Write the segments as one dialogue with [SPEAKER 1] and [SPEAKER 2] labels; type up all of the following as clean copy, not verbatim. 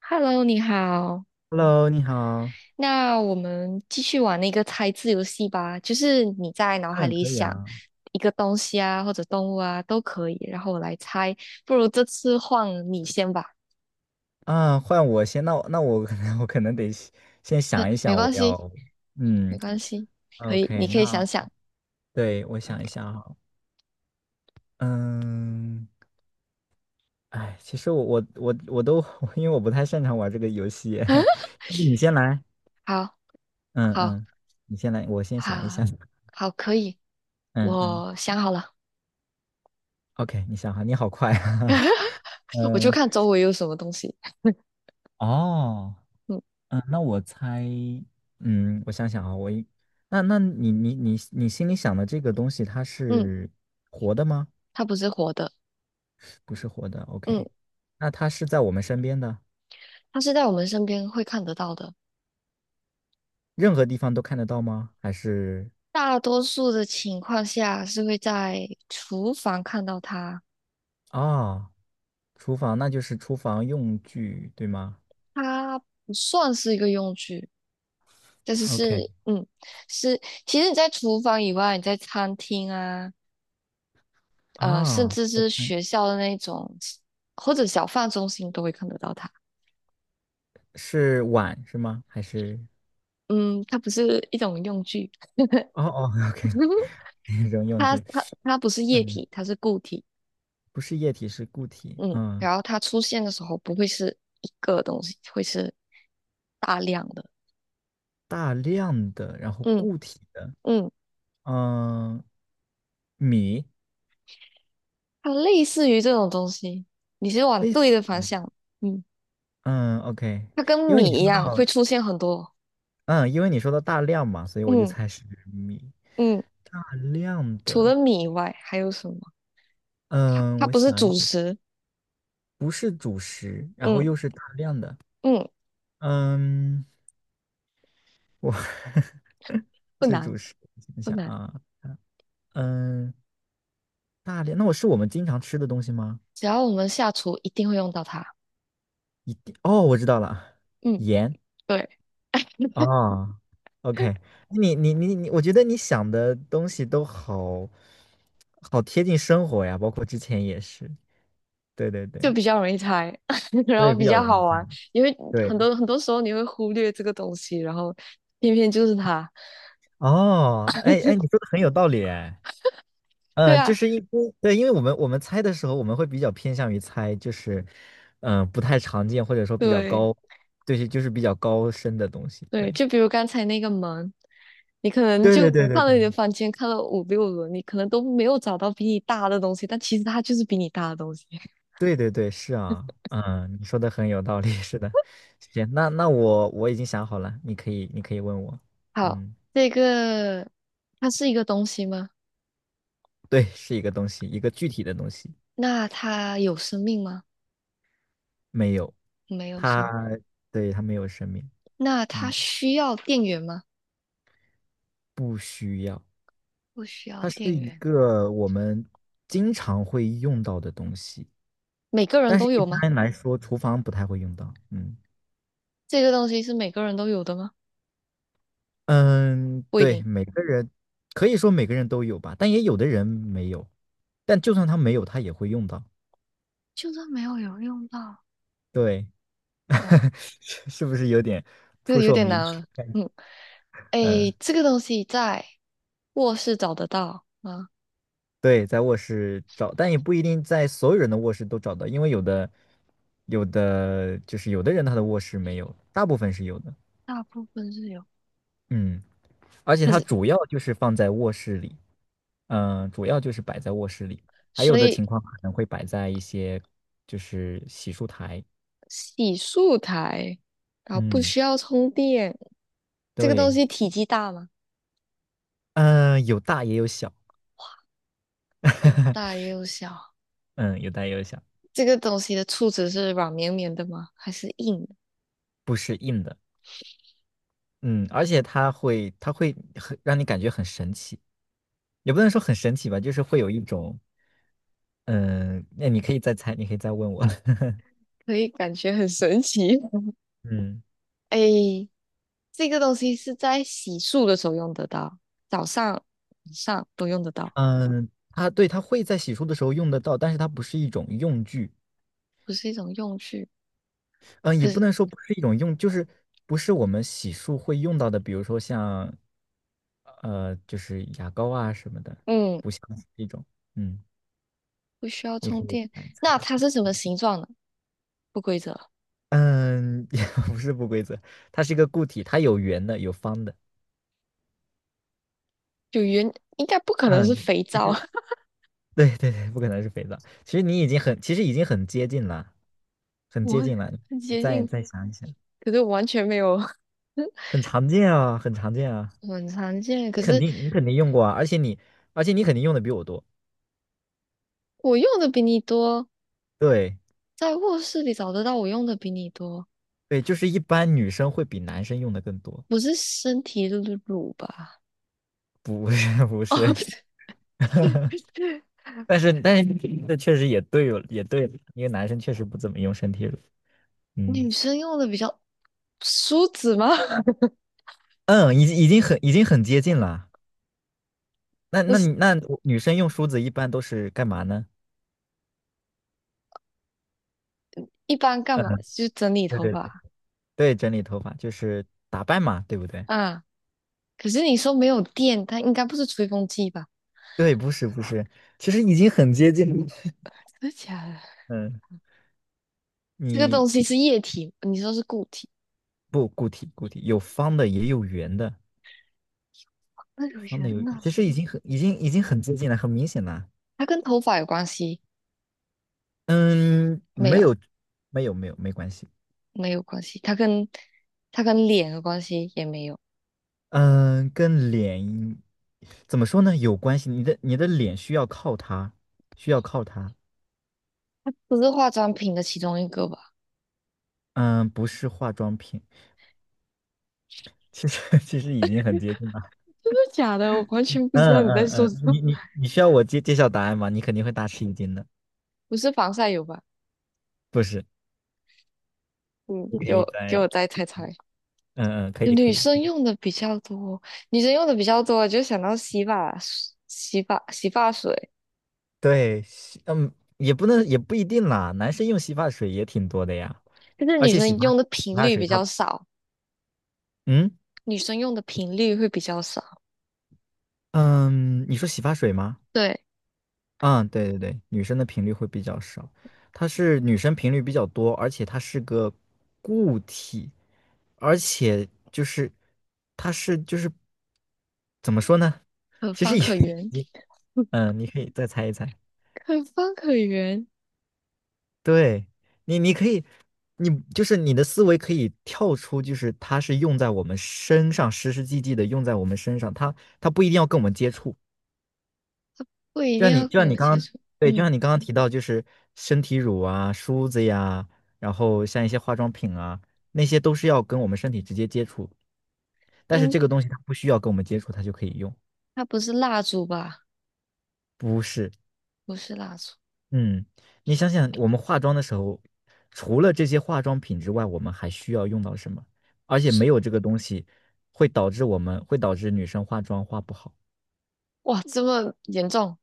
[SPEAKER 1] Hello，你好。
[SPEAKER 2] Hello，你好。
[SPEAKER 1] 那我们继续玩那个猜字游戏吧，就是你在脑海
[SPEAKER 2] 嗯，
[SPEAKER 1] 里
[SPEAKER 2] 可以
[SPEAKER 1] 想
[SPEAKER 2] 啊。
[SPEAKER 1] 一个东西啊，或者动物啊，都可以，然后我来猜。不如这次换你先吧，
[SPEAKER 2] 啊，换我先，那我可能 我可能得先先
[SPEAKER 1] 可
[SPEAKER 2] 想一
[SPEAKER 1] 没
[SPEAKER 2] 想，我
[SPEAKER 1] 关系，
[SPEAKER 2] 要，
[SPEAKER 1] 没
[SPEAKER 2] 嗯
[SPEAKER 1] 关系，可以，你
[SPEAKER 2] ，OK，
[SPEAKER 1] 可以
[SPEAKER 2] 那
[SPEAKER 1] 想想。
[SPEAKER 2] 对我想一想哈，嗯，哎，其实我都 因为我不太擅长玩这个游戏，要不你先来，
[SPEAKER 1] 好，
[SPEAKER 2] 嗯
[SPEAKER 1] 好，
[SPEAKER 2] 嗯，你先来，我先想一
[SPEAKER 1] 好，
[SPEAKER 2] 想，
[SPEAKER 1] 好，可以，
[SPEAKER 2] 嗯嗯
[SPEAKER 1] 我想好了，
[SPEAKER 2] ，OK，你想哈，你好快啊，
[SPEAKER 1] 我就
[SPEAKER 2] 嗯，
[SPEAKER 1] 看周围有什么东西。
[SPEAKER 2] 哦。
[SPEAKER 1] 嗯
[SPEAKER 2] 嗯，那我猜，嗯，我想想啊，我一，那那你心里想的这个东西，它
[SPEAKER 1] 嗯，
[SPEAKER 2] 是活的吗？
[SPEAKER 1] 它不是活的，
[SPEAKER 2] 不是活的
[SPEAKER 1] 嗯，
[SPEAKER 2] ，OK。那它是在我们身边的，
[SPEAKER 1] 它是在我们身边会看得到的。
[SPEAKER 2] 任何地方都看得到吗？还是
[SPEAKER 1] 大多数的情况下是会在厨房看到它，
[SPEAKER 2] 啊，厨房，那就是厨房用具，对吗
[SPEAKER 1] 它不算是一个用具，但是
[SPEAKER 2] ？OK。
[SPEAKER 1] 是，嗯，是，其实你在厨房以外，你在餐厅啊，甚
[SPEAKER 2] 啊，
[SPEAKER 1] 至
[SPEAKER 2] 我
[SPEAKER 1] 是
[SPEAKER 2] 看
[SPEAKER 1] 学校的那种或者小贩中心都会看得到它。
[SPEAKER 2] 是碗是吗？还是
[SPEAKER 1] 嗯，它不是一种用具，
[SPEAKER 2] 哦哦，OK，扔用
[SPEAKER 1] 它
[SPEAKER 2] 具，
[SPEAKER 1] 它它不是液
[SPEAKER 2] 嗯，
[SPEAKER 1] 体，它是固体。
[SPEAKER 2] 不是液体，是固体，
[SPEAKER 1] 嗯，
[SPEAKER 2] 嗯，
[SPEAKER 1] 然后它出现的时候不会是一个东西，会是大量的。
[SPEAKER 2] 大量的，然后
[SPEAKER 1] 嗯。
[SPEAKER 2] 固体的。
[SPEAKER 1] 嗯。
[SPEAKER 2] 嗯，米
[SPEAKER 1] 它类似于这种东西，你是往
[SPEAKER 2] 类
[SPEAKER 1] 对
[SPEAKER 2] 似
[SPEAKER 1] 的方
[SPEAKER 2] 于，
[SPEAKER 1] 向，嗯，
[SPEAKER 2] 嗯，OK，
[SPEAKER 1] 它跟
[SPEAKER 2] 因为你
[SPEAKER 1] 米一
[SPEAKER 2] 说到，
[SPEAKER 1] 样会出现很多，
[SPEAKER 2] 嗯，因为你说到大量嘛，所以我就
[SPEAKER 1] 嗯
[SPEAKER 2] 猜是米。
[SPEAKER 1] 嗯，
[SPEAKER 2] 大量
[SPEAKER 1] 除了
[SPEAKER 2] 的，
[SPEAKER 1] 米以外还有什么？它
[SPEAKER 2] 嗯，
[SPEAKER 1] 它
[SPEAKER 2] 我
[SPEAKER 1] 不是
[SPEAKER 2] 想一
[SPEAKER 1] 主
[SPEAKER 2] 想，
[SPEAKER 1] 食，
[SPEAKER 2] 不是主食，然后
[SPEAKER 1] 嗯
[SPEAKER 2] 又是大量的，
[SPEAKER 1] 嗯，
[SPEAKER 2] 嗯，我
[SPEAKER 1] 不
[SPEAKER 2] 是
[SPEAKER 1] 难
[SPEAKER 2] 主食，想
[SPEAKER 1] 不
[SPEAKER 2] 想
[SPEAKER 1] 难，
[SPEAKER 2] 啊，嗯，大量，那我是我们经常吃的东西吗？
[SPEAKER 1] 只要我们下厨一定会用到它，
[SPEAKER 2] 一定，哦，我知道了，
[SPEAKER 1] 嗯，
[SPEAKER 2] 盐。
[SPEAKER 1] 对，
[SPEAKER 2] 哦，OK，你，我觉得你想的东西都好好贴近生活呀，包括之前也是，对对
[SPEAKER 1] 就
[SPEAKER 2] 对，
[SPEAKER 1] 比较容易猜，然
[SPEAKER 2] 所
[SPEAKER 1] 后
[SPEAKER 2] 以比
[SPEAKER 1] 比
[SPEAKER 2] 较
[SPEAKER 1] 较
[SPEAKER 2] 容易
[SPEAKER 1] 好
[SPEAKER 2] 猜。
[SPEAKER 1] 玩，因为
[SPEAKER 2] 对，
[SPEAKER 1] 很多很多时候你会忽略这个东西，然后偏偏就是它，
[SPEAKER 2] 哦，哎哎，你说的很有道理哎，
[SPEAKER 1] 对
[SPEAKER 2] 嗯，就
[SPEAKER 1] 啊，
[SPEAKER 2] 是因为对，因为我们猜的时候，我们会比较偏向于猜，就是嗯、不太常见或者说比较
[SPEAKER 1] 对
[SPEAKER 2] 高，对，就是比较高深的东西，对，
[SPEAKER 1] 对，就比如刚才那个门。你可能
[SPEAKER 2] 对
[SPEAKER 1] 就
[SPEAKER 2] 对对对
[SPEAKER 1] 看了你
[SPEAKER 2] 对。
[SPEAKER 1] 的房间，看了五六轮，你可能都没有找到比你大的东西，但其实它就是比你大的东西。
[SPEAKER 2] 对对对，是啊，嗯，你说的很有道理，是的，行，那那我已经想好了，你可以问我，
[SPEAKER 1] 好，
[SPEAKER 2] 嗯，
[SPEAKER 1] 这个它是一个东西吗？
[SPEAKER 2] 对，是一个东西，一个具体的东西，
[SPEAKER 1] 那它有生命吗？
[SPEAKER 2] 没有，
[SPEAKER 1] 没有生
[SPEAKER 2] 它，
[SPEAKER 1] 命。
[SPEAKER 2] 对，它没有生命，
[SPEAKER 1] 那它
[SPEAKER 2] 嗯，
[SPEAKER 1] 需要电源吗？不需要
[SPEAKER 2] 它是
[SPEAKER 1] 电
[SPEAKER 2] 一
[SPEAKER 1] 源。
[SPEAKER 2] 个我们经常会用到的东西，
[SPEAKER 1] 每个人
[SPEAKER 2] 但是
[SPEAKER 1] 都
[SPEAKER 2] 一
[SPEAKER 1] 有吗？
[SPEAKER 2] 般来说厨房不太会用到，嗯
[SPEAKER 1] 这个东西是每个人都有的吗？
[SPEAKER 2] 嗯，
[SPEAKER 1] 不一
[SPEAKER 2] 对，
[SPEAKER 1] 定。
[SPEAKER 2] 每个人可以说每个人都有吧，但也有的人没有，但就算他没有，他也会用到，
[SPEAKER 1] 就算没有有用到，
[SPEAKER 2] 对。
[SPEAKER 1] 哇，
[SPEAKER 2] 是不是有点
[SPEAKER 1] 有
[SPEAKER 2] 扑
[SPEAKER 1] 有
[SPEAKER 2] 朔
[SPEAKER 1] 点
[SPEAKER 2] 迷
[SPEAKER 1] 难
[SPEAKER 2] 离？
[SPEAKER 1] 了。嗯，诶，
[SPEAKER 2] 嗯，
[SPEAKER 1] 这个东西在卧室找得到吗？
[SPEAKER 2] 对，在卧室找，但也不一定在所有人的卧室都找到，因为有的有的就是有的人他的卧室没有，大部分是有的。
[SPEAKER 1] 大部分是有。
[SPEAKER 2] 嗯，而且
[SPEAKER 1] 可
[SPEAKER 2] 它
[SPEAKER 1] 是，
[SPEAKER 2] 主要就是放在卧室里，嗯，主要就是摆在卧室里，还有
[SPEAKER 1] 所
[SPEAKER 2] 的
[SPEAKER 1] 以
[SPEAKER 2] 情况可能会摆在一些就是洗漱台。
[SPEAKER 1] 洗漱台，然后不
[SPEAKER 2] 嗯，
[SPEAKER 1] 需要充电。这个东
[SPEAKER 2] 对，
[SPEAKER 1] 西体积大吗？
[SPEAKER 2] 嗯，有大也有小，
[SPEAKER 1] 有大 也有小。
[SPEAKER 2] 嗯，有大也有小。
[SPEAKER 1] 这个东西的触觉是软绵绵的吗？还是硬的？
[SPEAKER 2] 不。嗯，而且它会，它会很让你感觉很神奇，也不能说很神奇吧，就是会有一种，嗯，那你可以再猜，你可以再问我。
[SPEAKER 1] 可以感觉很神奇。
[SPEAKER 2] 嗯
[SPEAKER 1] 哎，这个东西是在洗漱的时候用得到，早上、晚上都用得到，
[SPEAKER 2] 嗯，它对，它会在洗漱的时候用得到，但是它不是一种用具，
[SPEAKER 1] 不是一种用具。
[SPEAKER 2] 嗯，也
[SPEAKER 1] 可
[SPEAKER 2] 不
[SPEAKER 1] 是，
[SPEAKER 2] 能说不是一种用，就是不是我们洗漱会用到的，比如说像，就是牙膏啊什么的，
[SPEAKER 1] 嗯，
[SPEAKER 2] 不像是一种，嗯，
[SPEAKER 1] 不需要
[SPEAKER 2] 你
[SPEAKER 1] 充
[SPEAKER 2] 可以
[SPEAKER 1] 电。
[SPEAKER 2] 来猜
[SPEAKER 1] 那
[SPEAKER 2] 一
[SPEAKER 1] 它
[SPEAKER 2] 猜，
[SPEAKER 1] 是什么形状呢？不规则，
[SPEAKER 2] 嗯，也不是不规则，它是一个固体，它有圆的，有方的。
[SPEAKER 1] 有圆，应该不可能是
[SPEAKER 2] 嗯，
[SPEAKER 1] 肥
[SPEAKER 2] 其
[SPEAKER 1] 皂。
[SPEAKER 2] 实 对对对，不可能是肥皂。其实你已经很，其实已经很接近了，很
[SPEAKER 1] 我
[SPEAKER 2] 接近了。
[SPEAKER 1] 很
[SPEAKER 2] 你
[SPEAKER 1] 接
[SPEAKER 2] 再
[SPEAKER 1] 近，
[SPEAKER 2] 再想一想，
[SPEAKER 1] 可是我完全没有。
[SPEAKER 2] 很常见啊，很常见啊。
[SPEAKER 1] 很常见，
[SPEAKER 2] 你
[SPEAKER 1] 可
[SPEAKER 2] 肯
[SPEAKER 1] 是
[SPEAKER 2] 定你肯定用过啊，而且你肯定用的比我多。
[SPEAKER 1] 我用的比你多，
[SPEAKER 2] 对
[SPEAKER 1] 在卧室里找得到我用的比你多，
[SPEAKER 2] 对，就是一般女生会比男生用的更多，
[SPEAKER 1] 不是身体乳吧？
[SPEAKER 2] 不是 不
[SPEAKER 1] 哦，
[SPEAKER 2] 是，
[SPEAKER 1] 不是，
[SPEAKER 2] 但是这确实也对了，也对了因为男生确实不怎么用身体乳。嗯
[SPEAKER 1] 女生用的比较梳子吗？
[SPEAKER 2] 嗯，已经很接近了。那
[SPEAKER 1] 不
[SPEAKER 2] 那你
[SPEAKER 1] 是，
[SPEAKER 2] 那女生用梳子一般都是干嘛呢？
[SPEAKER 1] 一般干
[SPEAKER 2] 嗯，
[SPEAKER 1] 嘛？就整理
[SPEAKER 2] 对
[SPEAKER 1] 头
[SPEAKER 2] 对
[SPEAKER 1] 发
[SPEAKER 2] 对，整理头发就是打扮嘛，对不对？
[SPEAKER 1] 啊。可是你说没有电，它应该不是吹风机吧？
[SPEAKER 2] 对，不是不是，其实已经很接近了。
[SPEAKER 1] 真的假的？
[SPEAKER 2] 嗯，
[SPEAKER 1] 这个
[SPEAKER 2] 你
[SPEAKER 1] 东西是液体，你说是固体？
[SPEAKER 2] 不固体固体，有方的也有圆的，
[SPEAKER 1] 那有
[SPEAKER 2] 方的
[SPEAKER 1] 缘
[SPEAKER 2] 有，
[SPEAKER 1] 呢？
[SPEAKER 2] 其实已经很接近了，很明显了。
[SPEAKER 1] 它跟头发有关系？
[SPEAKER 2] 嗯，
[SPEAKER 1] 没
[SPEAKER 2] 没
[SPEAKER 1] 有，
[SPEAKER 2] 有没有没有，没关系。
[SPEAKER 1] 没有关系。它跟它跟脸有关系也没有。
[SPEAKER 2] 嗯，跟脸怎么说呢？有关系，你的脸需要靠它，需要靠它。
[SPEAKER 1] 不是化妆品的其中一个吧？
[SPEAKER 2] 嗯，不是化妆品，其实 其实已经很接近了。
[SPEAKER 1] 真的假的？我完
[SPEAKER 2] 嗯
[SPEAKER 1] 全不知道你在
[SPEAKER 2] 嗯
[SPEAKER 1] 说
[SPEAKER 2] 嗯，
[SPEAKER 1] 什么。
[SPEAKER 2] 你你 你需要我揭揭晓答案吗？你肯定会大吃一惊的。
[SPEAKER 1] 不是防晒油吧？
[SPEAKER 2] 不是，
[SPEAKER 1] 嗯，
[SPEAKER 2] 你可
[SPEAKER 1] 给
[SPEAKER 2] 以
[SPEAKER 1] 我给我
[SPEAKER 2] 在，
[SPEAKER 1] 再猜猜，
[SPEAKER 2] 嗯嗯，可以可
[SPEAKER 1] 女
[SPEAKER 2] 以。
[SPEAKER 1] 生用的比较多，女生用的比较多，就想到洗发水，
[SPEAKER 2] 对，洗嗯，也不能也不一定啦，男生用洗发水也挺多的呀，
[SPEAKER 1] 但是
[SPEAKER 2] 而
[SPEAKER 1] 女
[SPEAKER 2] 且洗
[SPEAKER 1] 生
[SPEAKER 2] 发
[SPEAKER 1] 用
[SPEAKER 2] 洗
[SPEAKER 1] 的频
[SPEAKER 2] 发
[SPEAKER 1] 率
[SPEAKER 2] 水
[SPEAKER 1] 比
[SPEAKER 2] 它，
[SPEAKER 1] 较少，
[SPEAKER 2] 嗯
[SPEAKER 1] 女生用的频率会比较少。
[SPEAKER 2] 嗯，你说洗发水吗？
[SPEAKER 1] 对，
[SPEAKER 2] 嗯，对对对，女生的频率会比较少，它是女生频率比较多，而且它是个固体，而且就是它是就是怎么说呢？
[SPEAKER 1] 可
[SPEAKER 2] 其实
[SPEAKER 1] 方
[SPEAKER 2] 也
[SPEAKER 1] 可
[SPEAKER 2] 已
[SPEAKER 1] 圆，
[SPEAKER 2] 经嗯，你可以再猜一猜。
[SPEAKER 1] 可方可圆，
[SPEAKER 2] 对你，你可以，你就是你的思维可以跳出，就是它是用在我们身上，实实际际的用在我们身上，它不一定要跟我们接触，
[SPEAKER 1] 不一
[SPEAKER 2] 就
[SPEAKER 1] 定
[SPEAKER 2] 像你，
[SPEAKER 1] 要
[SPEAKER 2] 就
[SPEAKER 1] 跟
[SPEAKER 2] 像你
[SPEAKER 1] 我
[SPEAKER 2] 刚
[SPEAKER 1] 接
[SPEAKER 2] 刚，
[SPEAKER 1] 触。
[SPEAKER 2] 对，就
[SPEAKER 1] 嗯，
[SPEAKER 2] 像你刚刚提到，就是身体乳啊、梳子呀，然后像一些化妆品啊，那些都是要跟我们身体直接接触，但是
[SPEAKER 1] 应
[SPEAKER 2] 这个东西它不需要跟我们接触，它就可以用，
[SPEAKER 1] 它不是蜡烛吧？
[SPEAKER 2] 不是？
[SPEAKER 1] 不是蜡烛，
[SPEAKER 2] 嗯，你想想，我们化妆的时候，除了这些化妆品之外，我们还需要用到什么？而且没有这个东西，会导致我们会导致女生化妆化不好。
[SPEAKER 1] 哇，这么严重，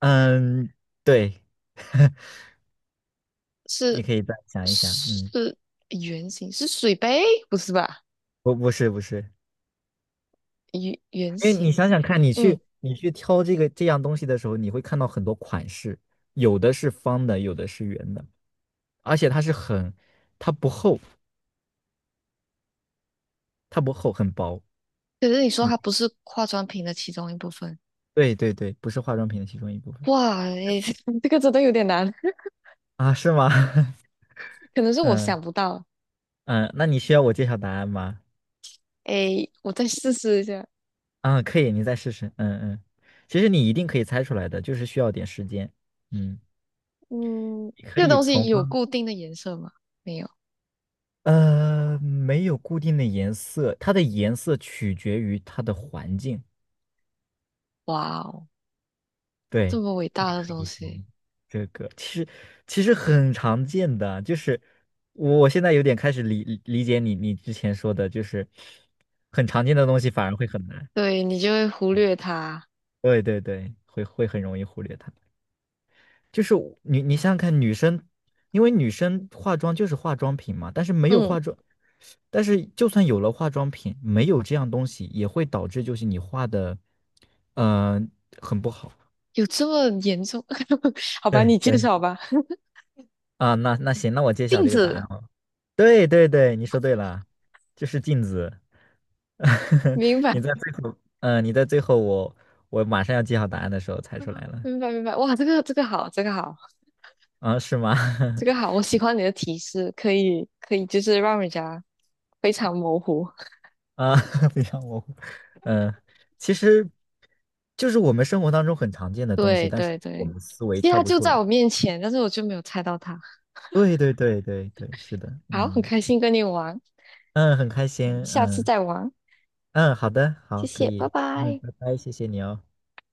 [SPEAKER 2] 嗯，对，你
[SPEAKER 1] 是？
[SPEAKER 2] 可以再想一想。嗯，
[SPEAKER 1] 是圆形，是水杯，不是吧？
[SPEAKER 2] 不，不是，不是。
[SPEAKER 1] 圆圆
[SPEAKER 2] 因为你
[SPEAKER 1] 形，
[SPEAKER 2] 想想看，你
[SPEAKER 1] 嗯。
[SPEAKER 2] 去你去挑这个这样东西的时候，你会看到很多款式，有的是方的，有的是圆的，而且它是很，它不厚，它不厚，很薄。
[SPEAKER 1] 可是你说它
[SPEAKER 2] 你
[SPEAKER 1] 不是化妆品的其中一部分，
[SPEAKER 2] 对对对，不是化妆品的其中一部分
[SPEAKER 1] 哇，诶 这个真的有点难，
[SPEAKER 2] 啊？是吗？
[SPEAKER 1] 可能是我
[SPEAKER 2] 嗯
[SPEAKER 1] 想不到。
[SPEAKER 2] 嗯，那你需要我揭晓答案吗？
[SPEAKER 1] 诶，我再试试一下。
[SPEAKER 2] 啊，可以，你再试试。嗯嗯，其实你一定可以猜出来的，就是需要点时间。嗯，
[SPEAKER 1] 嗯，
[SPEAKER 2] 你可
[SPEAKER 1] 这个
[SPEAKER 2] 以
[SPEAKER 1] 东西
[SPEAKER 2] 从
[SPEAKER 1] 有
[SPEAKER 2] 刚
[SPEAKER 1] 固定的颜色吗？没有。
[SPEAKER 2] 没有固定的颜色，它的颜色取决于它的环境。
[SPEAKER 1] 哇哦，这
[SPEAKER 2] 对。
[SPEAKER 1] 么伟大的东
[SPEAKER 2] 一
[SPEAKER 1] 西，
[SPEAKER 2] 方这个其实其实很常见的，就是我我现在有点开始理解你之前说的，就是很常见的东西反而会很难。
[SPEAKER 1] 对你就会忽略它。
[SPEAKER 2] 对对对，会很容易忽略它。就是我你你想想看，女生，因为女生化妆就是化妆品嘛，但是没有
[SPEAKER 1] 嗯，
[SPEAKER 2] 化妆，但是就算有了化妆品，没有这样东西也会导致就是你画的，嗯、很不好。
[SPEAKER 1] 有这么严重？好吧，
[SPEAKER 2] 对
[SPEAKER 1] 你介
[SPEAKER 2] 对
[SPEAKER 1] 绍吧。
[SPEAKER 2] 啊，那那行，那我 揭晓
[SPEAKER 1] 镜
[SPEAKER 2] 这个答
[SPEAKER 1] 子，
[SPEAKER 2] 案。对对对，你说对了，就是镜子。
[SPEAKER 1] 明白，
[SPEAKER 2] 你在最后，嗯、你在最后我我马上要记好答案的时候猜出来了
[SPEAKER 1] 明白，明白。哇，这个好，这个好。
[SPEAKER 2] 啊，是吗？
[SPEAKER 1] 这个好，我喜欢你的提示，可以可以，就是让人家非常模糊。
[SPEAKER 2] 啊，非常模糊。嗯，其实就是我们生活当中很常见的东西，
[SPEAKER 1] 对
[SPEAKER 2] 但是
[SPEAKER 1] 对
[SPEAKER 2] 我
[SPEAKER 1] 对，
[SPEAKER 2] 们思维
[SPEAKER 1] 其实
[SPEAKER 2] 跳
[SPEAKER 1] 他
[SPEAKER 2] 不
[SPEAKER 1] 就
[SPEAKER 2] 出
[SPEAKER 1] 在
[SPEAKER 2] 来。
[SPEAKER 1] 我面前，但是我就没有猜到他。
[SPEAKER 2] 对对对对对，是的，
[SPEAKER 1] 好，很
[SPEAKER 2] 嗯
[SPEAKER 1] 开心跟你玩，
[SPEAKER 2] 嗯，很开心，
[SPEAKER 1] 下次
[SPEAKER 2] 嗯
[SPEAKER 1] 再玩，
[SPEAKER 2] 嗯，好的，
[SPEAKER 1] 谢
[SPEAKER 2] 好，可
[SPEAKER 1] 谢，拜
[SPEAKER 2] 以，嗯，
[SPEAKER 1] 拜。
[SPEAKER 2] 拜拜，谢谢你哦。